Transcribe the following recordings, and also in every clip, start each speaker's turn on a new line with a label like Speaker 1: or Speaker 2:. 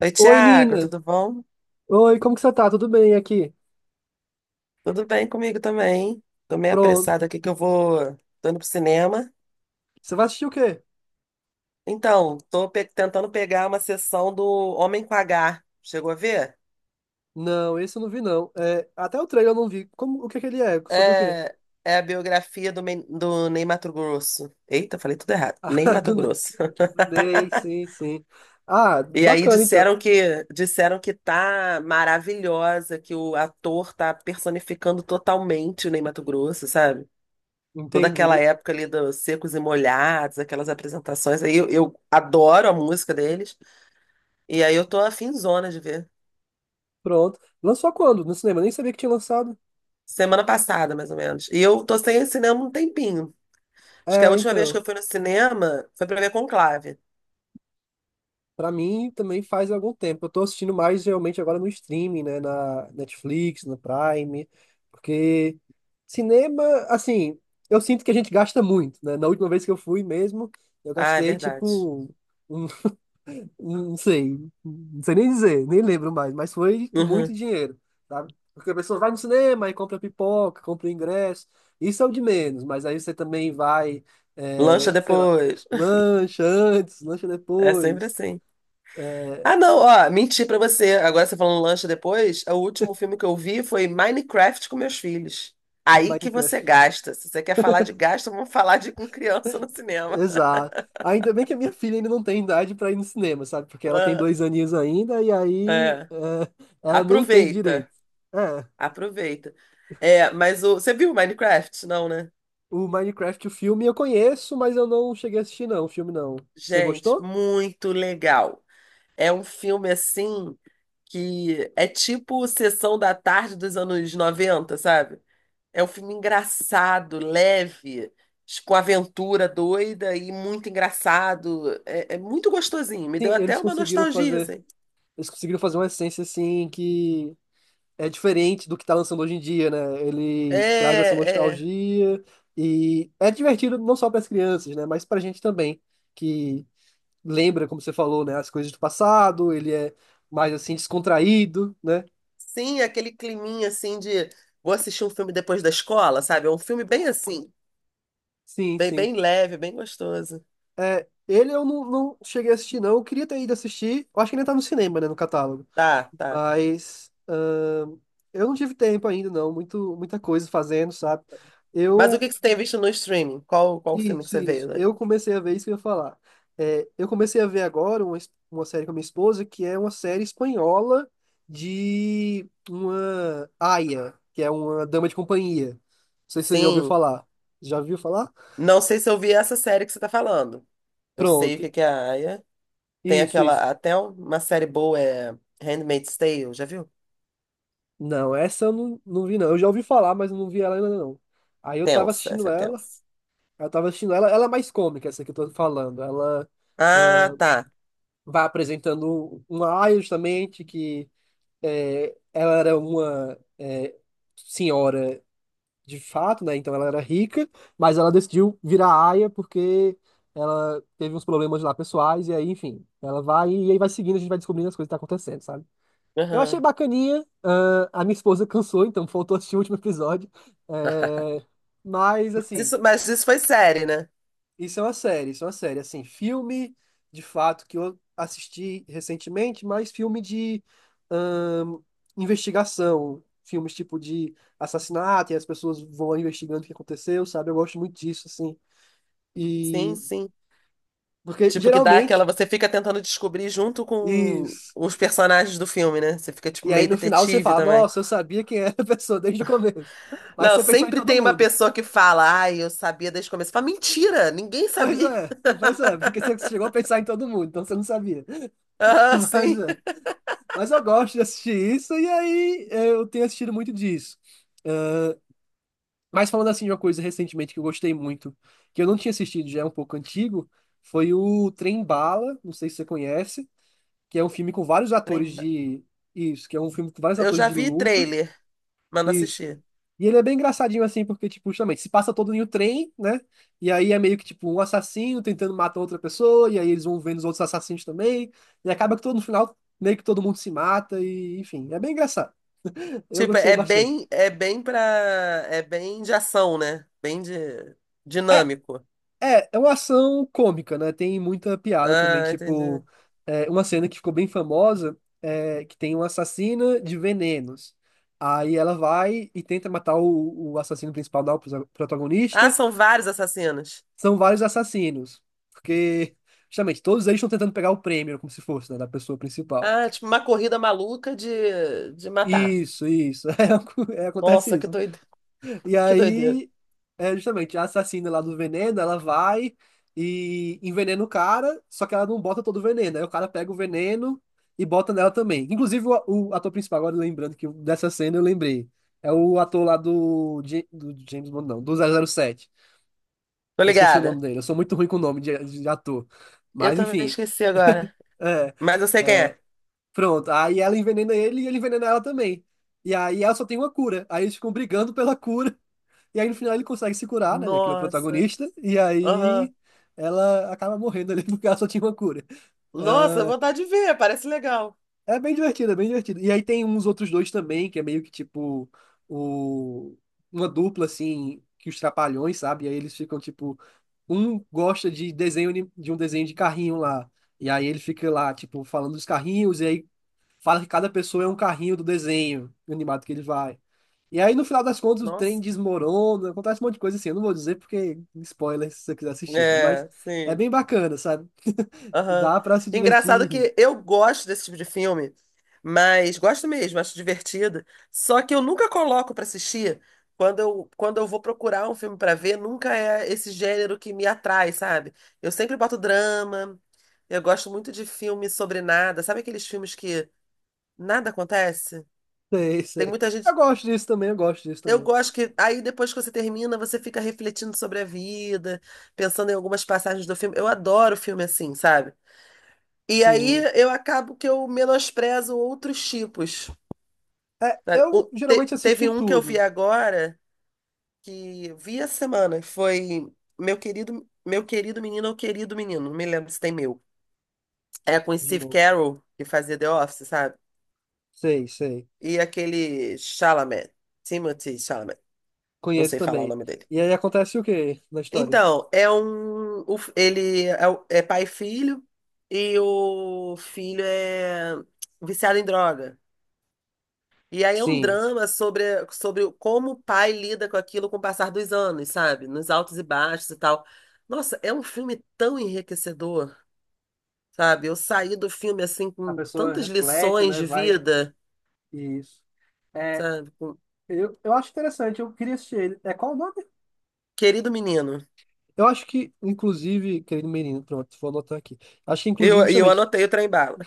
Speaker 1: Oi,
Speaker 2: Oi,
Speaker 1: Tiago,
Speaker 2: Nina.
Speaker 1: tudo bom?
Speaker 2: Oi, como que você tá? Tudo bem aqui?
Speaker 1: Tudo bem comigo também. Tô meio
Speaker 2: Pronto.
Speaker 1: apressada aqui que eu vou. Tô indo pro cinema.
Speaker 2: Você vai assistir o quê?
Speaker 1: Então, tô tentando pegar uma sessão do Homem com H. Chegou a ver?
Speaker 2: Não, esse eu não vi, não. É, até o trailer eu não vi. Como, o que que ele é? Sobre o quê?
Speaker 1: É, é a biografia do, do Ney Matogrosso. Eita, falei tudo errado. Ney
Speaker 2: Ah, do,
Speaker 1: Matogrosso.
Speaker 2: do Ney, sim, sim. Ah,
Speaker 1: E aí
Speaker 2: bacana então.
Speaker 1: disseram que tá maravilhosa, que o ator tá personificando totalmente o Ney Matogrosso, sabe? Toda aquela
Speaker 2: Entendi.
Speaker 1: época ali dos Secos e Molhados, aquelas apresentações aí, eu adoro a música deles, e aí eu tô afinzona de ver.
Speaker 2: Pronto. Lançou quando? No cinema? Nem sabia que tinha lançado.
Speaker 1: Semana passada, mais ou menos. E eu tô sem ir ao cinema um tempinho. Acho que a
Speaker 2: É,
Speaker 1: última vez que
Speaker 2: então.
Speaker 1: eu fui no cinema foi pra ver Conclave.
Speaker 2: Pra mim também faz algum tempo. Eu tô assistindo mais realmente agora no streaming, né? Na Netflix, no Prime, porque cinema, assim, eu sinto que a gente gasta muito, né? Na última vez que eu fui mesmo, eu
Speaker 1: Ah, é
Speaker 2: gastei
Speaker 1: verdade.
Speaker 2: tipo, um- não sei, não sei nem dizer, nem lembro mais, mas foi
Speaker 1: Uhum.
Speaker 2: muito dinheiro, sabe? Porque a pessoa vai no cinema e compra pipoca, compra ingresso, isso é o de menos, mas aí você também vai, é,
Speaker 1: Lancha
Speaker 2: sei lá,
Speaker 1: depois.
Speaker 2: lancha antes, lancha
Speaker 1: É sempre
Speaker 2: depois.
Speaker 1: assim.
Speaker 2: eh,
Speaker 1: Ah, não, ó, menti pra você. Agora você falando lancha depois, o último filme que eu vi foi Minecraft com meus filhos. Aí que você
Speaker 2: Minecraft.
Speaker 1: gasta. Se você quer falar de gasto, vamos falar de com criança no cinema.
Speaker 2: Exato. Ainda bem que a minha filha ainda não tem idade pra ir no cinema, sabe? Porque ela tem
Speaker 1: Ah,
Speaker 2: dois aninhos ainda e aí
Speaker 1: é.
Speaker 2: é, ela nem entende
Speaker 1: Aproveita,
Speaker 2: direito. É,
Speaker 1: aproveita. É, mas você viu Minecraft? Não, né?
Speaker 2: o Minecraft, o filme eu conheço, mas eu não cheguei a assistir não, o filme não. Você
Speaker 1: Gente,
Speaker 2: gostou?
Speaker 1: muito legal. É um filme assim que é tipo Sessão da Tarde dos anos noventa, sabe? É um filme engraçado, leve, com aventura doida e muito engraçado. É, é muito gostosinho. Me
Speaker 2: Sim,
Speaker 1: deu até uma nostalgia, assim.
Speaker 2: eles conseguiram fazer uma essência assim que é diferente do que tá lançando hoje em dia, né? Ele traz essa
Speaker 1: É, é.
Speaker 2: nostalgia e é divertido não só para as crianças, né? Mas pra gente também, que lembra, como você falou, né? As coisas do passado, ele é mais assim descontraído, né?
Speaker 1: Sim, aquele climinha assim de vou assistir um filme depois da escola, sabe? É um filme bem assim,
Speaker 2: Sim,
Speaker 1: bem,
Speaker 2: sim.
Speaker 1: bem leve, bem gostoso.
Speaker 2: É, ele eu não, não cheguei a assistir, não. Eu queria ter ido assistir. Eu acho que ainda tá no cinema, né? No catálogo.
Speaker 1: Tá, tá.
Speaker 2: Mas eu não tive tempo ainda, não. Muito, muita coisa fazendo, sabe?
Speaker 1: Mas o
Speaker 2: Eu
Speaker 1: que que você tem visto no streaming? Qual, qual filme que
Speaker 2: isso,
Speaker 1: você
Speaker 2: isso.
Speaker 1: veio, né?
Speaker 2: Eu comecei a ver isso que eu ia falar. É, eu comecei a ver agora uma, uma série com a minha esposa, que é uma série espanhola de uma aia, que é uma dama de companhia. Não sei se você já ouviu
Speaker 1: Sim,
Speaker 2: falar. Já ouviu falar?
Speaker 1: não sei se eu vi essa série que você tá falando. Eu sei o
Speaker 2: Pronto.
Speaker 1: que que é a Aya. Tem
Speaker 2: Isso, isso.
Speaker 1: aquela, até uma série boa é Handmaid's Tale, já viu?
Speaker 2: Não, essa eu não, não vi, não. Eu já ouvi falar, mas eu não vi ela ainda, não. Aí eu tava
Speaker 1: Tensa,
Speaker 2: assistindo
Speaker 1: essa é
Speaker 2: ela,
Speaker 1: tensa.
Speaker 2: eu tava assistindo ela, ela é mais cômica, essa que eu tô falando. Ela
Speaker 1: Ah,
Speaker 2: ah,
Speaker 1: tá.
Speaker 2: vai apresentando uma aia, justamente, que é, ela era uma é, senhora de fato, né? Então ela era rica, mas ela decidiu virar aia porque ela teve uns problemas lá pessoais, e aí, enfim, ela vai e aí vai seguindo, a gente vai descobrindo as coisas que tá acontecendo, sabe? Eu achei
Speaker 1: Aham.
Speaker 2: bacaninha, a minha esposa cansou, então faltou assistir o último episódio, é, mas
Speaker 1: Mas
Speaker 2: assim.
Speaker 1: isso, mas isso foi série, né?
Speaker 2: Isso é uma série, isso é uma série. Assim, filme, de fato, que eu assisti recentemente, mas filme de ahn, investigação. Filmes tipo de assassinato, e as pessoas vão investigando o que aconteceu, sabe? Eu gosto muito disso, assim.
Speaker 1: Sim,
Speaker 2: E...
Speaker 1: sim.
Speaker 2: Porque,
Speaker 1: Tipo, que dá aquela.
Speaker 2: geralmente,
Speaker 1: Você fica tentando descobrir junto com
Speaker 2: isso...
Speaker 1: os personagens do filme, né? Você fica, tipo,
Speaker 2: E aí,
Speaker 1: meio
Speaker 2: no final, você
Speaker 1: detetive
Speaker 2: fala,
Speaker 1: também.
Speaker 2: nossa, eu sabia quem era a pessoa desde o começo. Mas
Speaker 1: Não,
Speaker 2: você pensou em
Speaker 1: sempre
Speaker 2: todo
Speaker 1: tem uma
Speaker 2: mundo.
Speaker 1: pessoa que fala, ai, eu sabia desde o começo. Fala, mentira, ninguém sabia.
Speaker 2: Pois é, porque você chegou a pensar em todo mundo, então você não sabia.
Speaker 1: Ah,
Speaker 2: Mas
Speaker 1: sim.
Speaker 2: é. Mas eu gosto de assistir isso e aí é, eu tenho assistido muito disso. Mas falando assim de uma coisa recentemente que eu gostei muito, que eu não tinha assistido, já é um pouco antigo, foi o Trem Bala, não sei se você conhece, que é um filme com vários
Speaker 1: Falei,
Speaker 2: atores
Speaker 1: "Ma-
Speaker 2: de isso, que é um filme com vários
Speaker 1: Eu
Speaker 2: atores
Speaker 1: já
Speaker 2: de
Speaker 1: vi
Speaker 2: luta,
Speaker 1: trailer, mas não
Speaker 2: isso.
Speaker 1: assisti.
Speaker 2: E ele é bem engraçadinho assim, porque tipo, justamente, se passa todo em um trem, né? E aí é meio que tipo um assassino tentando matar outra pessoa, e aí eles vão vendo os outros assassinos também, e acaba que todo no final meio que todo mundo se mata e enfim, é bem engraçado. Eu
Speaker 1: Tipo,
Speaker 2: gostei bastante.
Speaker 1: é bem pra. É bem de ação, né? Bem de
Speaker 2: É,
Speaker 1: dinâmico.
Speaker 2: é, é uma ação cômica, né? Tem muita piada também,
Speaker 1: Ah, entendi.
Speaker 2: tipo, é, uma cena que ficou bem famosa, é, que tem uma assassina de venenos. Aí ela vai e tenta matar o assassino principal, não, o
Speaker 1: Ah,
Speaker 2: protagonista.
Speaker 1: são vários assassinos.
Speaker 2: São vários assassinos, porque, justamente, todos eles estão tentando pegar o prêmio, como se fosse, né, da pessoa principal.
Speaker 1: Ah, tipo, uma corrida maluca de matar.
Speaker 2: Isso, é, acontece
Speaker 1: Nossa, que
Speaker 2: isso.
Speaker 1: doido.
Speaker 2: E
Speaker 1: Que doideira.
Speaker 2: aí, é justamente a assassina lá do veneno, ela vai e envenena o cara, só que ela não bota todo o veneno. Aí o cara pega o veneno e bota nela também. Inclusive, o ator principal, agora lembrando que dessa cena eu lembrei. É o ator lá do, do James Bond, não, do 007.
Speaker 1: Tô
Speaker 2: Eu esqueci o nome
Speaker 1: ligada.
Speaker 2: dele, eu sou muito ruim com o nome de ator.
Speaker 1: Eu
Speaker 2: Mas
Speaker 1: também
Speaker 2: enfim,
Speaker 1: esqueci agora.
Speaker 2: é,
Speaker 1: Mas eu sei quem é.
Speaker 2: pronto. Aí ela envenena ele e ele envenena ela também. E aí ela só tem uma cura. Aí eles ficam brigando pela cura. E aí no final ele consegue se curar, né? Já que ele é o
Speaker 1: Nossa.
Speaker 2: protagonista. E
Speaker 1: Aham.
Speaker 2: aí ela acaba morrendo ali porque ela só tinha uma cura.
Speaker 1: Nossa,
Speaker 2: Ah,
Speaker 1: vontade de ver, parece legal.
Speaker 2: é bem divertido, é bem divertido. E aí tem uns outros dois também, que é meio que tipo o... uma dupla assim. Que os trapalhões, sabe? E aí eles ficam tipo. Um gosta de de um desenho de carrinho lá. E aí ele fica lá, tipo, falando dos carrinhos, e aí fala que cada pessoa é um carrinho do desenho animado que ele vai. E aí, no final das contas, o trem
Speaker 1: Nossa.
Speaker 2: desmorona, acontece um monte de coisa assim. Eu não vou dizer porque spoiler se você quiser assistir, né? Mas
Speaker 1: É,
Speaker 2: é
Speaker 1: sim.
Speaker 2: bem bacana, sabe?
Speaker 1: Aham.
Speaker 2: Dá pra se
Speaker 1: Engraçado
Speaker 2: divertir.
Speaker 1: que eu gosto desse tipo de filme, mas gosto mesmo, acho divertido. Só que eu nunca coloco pra assistir. Quando eu vou procurar um filme pra ver, nunca é esse gênero que me atrai, sabe? Eu sempre boto drama. Eu gosto muito de filme sobre nada. Sabe aqueles filmes que nada acontece?
Speaker 2: Sei,
Speaker 1: Tem
Speaker 2: sei.
Speaker 1: muita
Speaker 2: Eu
Speaker 1: gente.
Speaker 2: gosto disso também, eu gosto disso
Speaker 1: Eu
Speaker 2: também.
Speaker 1: gosto que aí depois que você termina, você fica refletindo sobre a vida, pensando em algumas passagens do filme. Eu adoro filme assim, sabe? E aí
Speaker 2: Sim.
Speaker 1: eu acabo que eu menosprezo outros tipos.
Speaker 2: É,
Speaker 1: Sabe?
Speaker 2: eu geralmente assisti
Speaker 1: Teve um que eu vi
Speaker 2: tudo
Speaker 1: agora que vi essa semana, foi Meu Querido, Meu Querido Menino ou Querido Menino, não me lembro se tem meu. É com
Speaker 2: de
Speaker 1: Steve
Speaker 2: novo.
Speaker 1: Carell, que fazia The Office, sabe?
Speaker 2: Sei, sei.
Speaker 1: E aquele Chalamet, Timothy Chalamet, não
Speaker 2: Conheço
Speaker 1: sei falar o
Speaker 2: também.
Speaker 1: nome dele.
Speaker 2: E aí acontece o quê na história?
Speaker 1: Então, é um. Ele é, é pai e filho, e o filho é viciado em droga. E aí é um
Speaker 2: Sim.
Speaker 1: drama sobre, sobre como o pai lida com aquilo com o passar dos anos, sabe? Nos altos e baixos e tal. Nossa, é um filme tão enriquecedor, sabe? Eu saí do filme assim
Speaker 2: A
Speaker 1: com
Speaker 2: pessoa
Speaker 1: tantas
Speaker 2: reflete,
Speaker 1: lições
Speaker 2: né?
Speaker 1: de
Speaker 2: Vai.
Speaker 1: vida,
Speaker 2: Isso. É,
Speaker 1: sabe? Com-
Speaker 2: eu acho interessante, eu queria assistir ele. É qual o nome?
Speaker 1: Querido menino.
Speaker 2: Eu acho que, inclusive, querido menino, pronto, vou anotar aqui. Acho que, inclusive,
Speaker 1: Eu
Speaker 2: justamente,
Speaker 1: anotei o trem bala.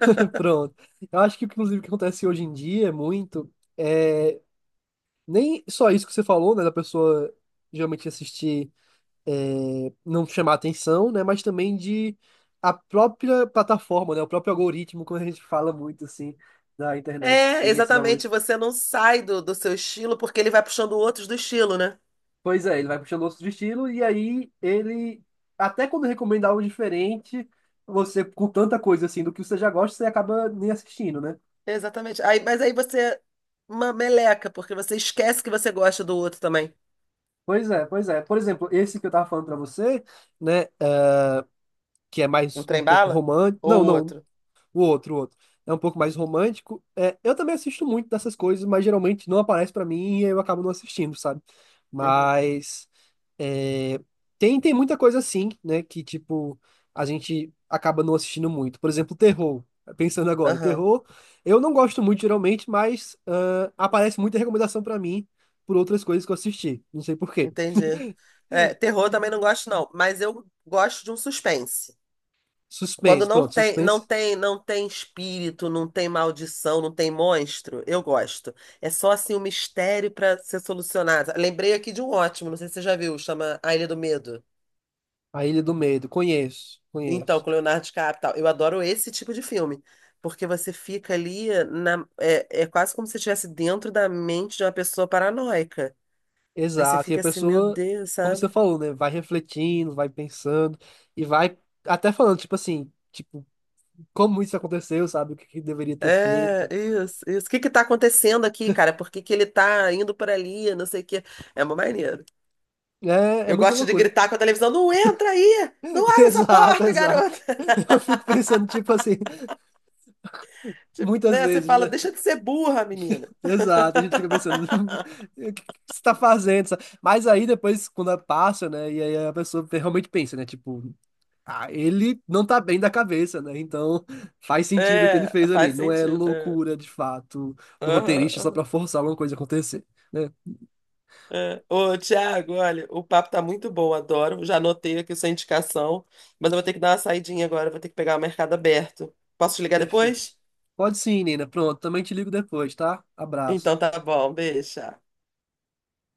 Speaker 2: pronto. Eu acho que, inclusive, o que acontece hoje em dia muito é nem só isso que você falou, né, da pessoa geralmente assistir, é, não chamar atenção, né, mas também de a própria plataforma, né, o próprio algoritmo, quando a gente fala muito assim da internet, que
Speaker 1: É,
Speaker 2: tem esses
Speaker 1: exatamente,
Speaker 2: algoritmos.
Speaker 1: você não sai do seu estilo porque ele vai puxando outros do estilo, né?
Speaker 2: Pois é, ele vai puxando outros estilos e aí ele, até quando recomenda algo diferente, você, com tanta coisa assim do que você já gosta, você acaba nem assistindo, né?
Speaker 1: Exatamente. Aí, mas aí você uma meleca, porque você esquece que você gosta do outro também.
Speaker 2: Pois é, pois é. Por exemplo, esse que eu tava falando pra você, né, é, que é
Speaker 1: Um
Speaker 2: mais um
Speaker 1: trem
Speaker 2: pouco
Speaker 1: bala?
Speaker 2: romântico.
Speaker 1: Ou
Speaker 2: Não,
Speaker 1: o
Speaker 2: não.
Speaker 1: outro?
Speaker 2: O outro, o outro. É um pouco mais romântico. É, eu também assisto muito dessas coisas, mas geralmente não aparece pra mim e eu acabo não assistindo, sabe?
Speaker 1: Uhum.
Speaker 2: Mas é, tem, tem muita coisa assim, né? Que, tipo, a gente acaba não assistindo muito. Por exemplo, terror. Pensando agora,
Speaker 1: Aham,
Speaker 2: terror, eu não gosto muito geralmente, mas aparece muita recomendação pra mim por outras coisas que eu assisti. Não sei por quê.
Speaker 1: entendi. É, terror também não gosto, não, mas eu gosto de um suspense. Quando
Speaker 2: Suspense, pronto, suspense.
Speaker 1: não tem espírito, não tem maldição, não tem monstro, eu gosto. É só assim um mistério para ser solucionado. Lembrei aqui de um ótimo, não sei se você já viu, chama A Ilha do Medo.
Speaker 2: A Ilha do Medo, conheço,
Speaker 1: Então,
Speaker 2: conheço.
Speaker 1: com Leonardo DiCaprio, e tal. Eu adoro esse tipo de filme, porque você fica ali na, é, é quase como se você estivesse dentro da mente de uma pessoa paranoica. Aí você
Speaker 2: Exato, e a
Speaker 1: fica assim, meu
Speaker 2: pessoa,
Speaker 1: Deus,
Speaker 2: como você
Speaker 1: sabe?
Speaker 2: falou, né, vai refletindo, vai pensando e vai até falando, tipo assim, tipo, como isso aconteceu, sabe, o que que deveria ter
Speaker 1: É,
Speaker 2: feito.
Speaker 1: isso, isso. O que que tá acontecendo aqui, cara? Por que que ele tá indo por ali? Não sei o quê. É uma maneira.
Speaker 2: É, é
Speaker 1: Eu
Speaker 2: muita
Speaker 1: gosto de
Speaker 2: loucura.
Speaker 1: gritar com a televisão, não entra aí! Não abre essa
Speaker 2: Exato,
Speaker 1: porta,
Speaker 2: exato.
Speaker 1: garota!
Speaker 2: Eu fico pensando, tipo assim,
Speaker 1: Tipo,
Speaker 2: muitas
Speaker 1: né? Você
Speaker 2: vezes,
Speaker 1: fala,
Speaker 2: né?
Speaker 1: deixa de ser burra, menina.
Speaker 2: Exato, a gente fica pensando, o que que você tá fazendo? Sabe? Mas aí depois, quando passa, né, e aí a pessoa realmente pensa, né, tipo. Ah, ele não tá bem da cabeça, né? Então faz sentido o que ele
Speaker 1: É,
Speaker 2: fez ali.
Speaker 1: faz
Speaker 2: Não é
Speaker 1: sentido. É.
Speaker 2: loucura de fato do
Speaker 1: Aham,
Speaker 2: roteirista só
Speaker 1: aham.
Speaker 2: pra forçar alguma coisa a acontecer, né?
Speaker 1: É. Ô, Thiago, olha, o papo tá muito bom, adoro. Já anotei aqui sua indicação, mas eu vou ter que dar uma saidinha agora, vou ter que pegar o mercado aberto. Posso te ligar
Speaker 2: Perfeito.
Speaker 1: depois?
Speaker 2: Pode sim, Nina. Pronto, também te ligo depois, tá?
Speaker 1: Então
Speaker 2: Abraço.
Speaker 1: tá bom, beijo. Tchau.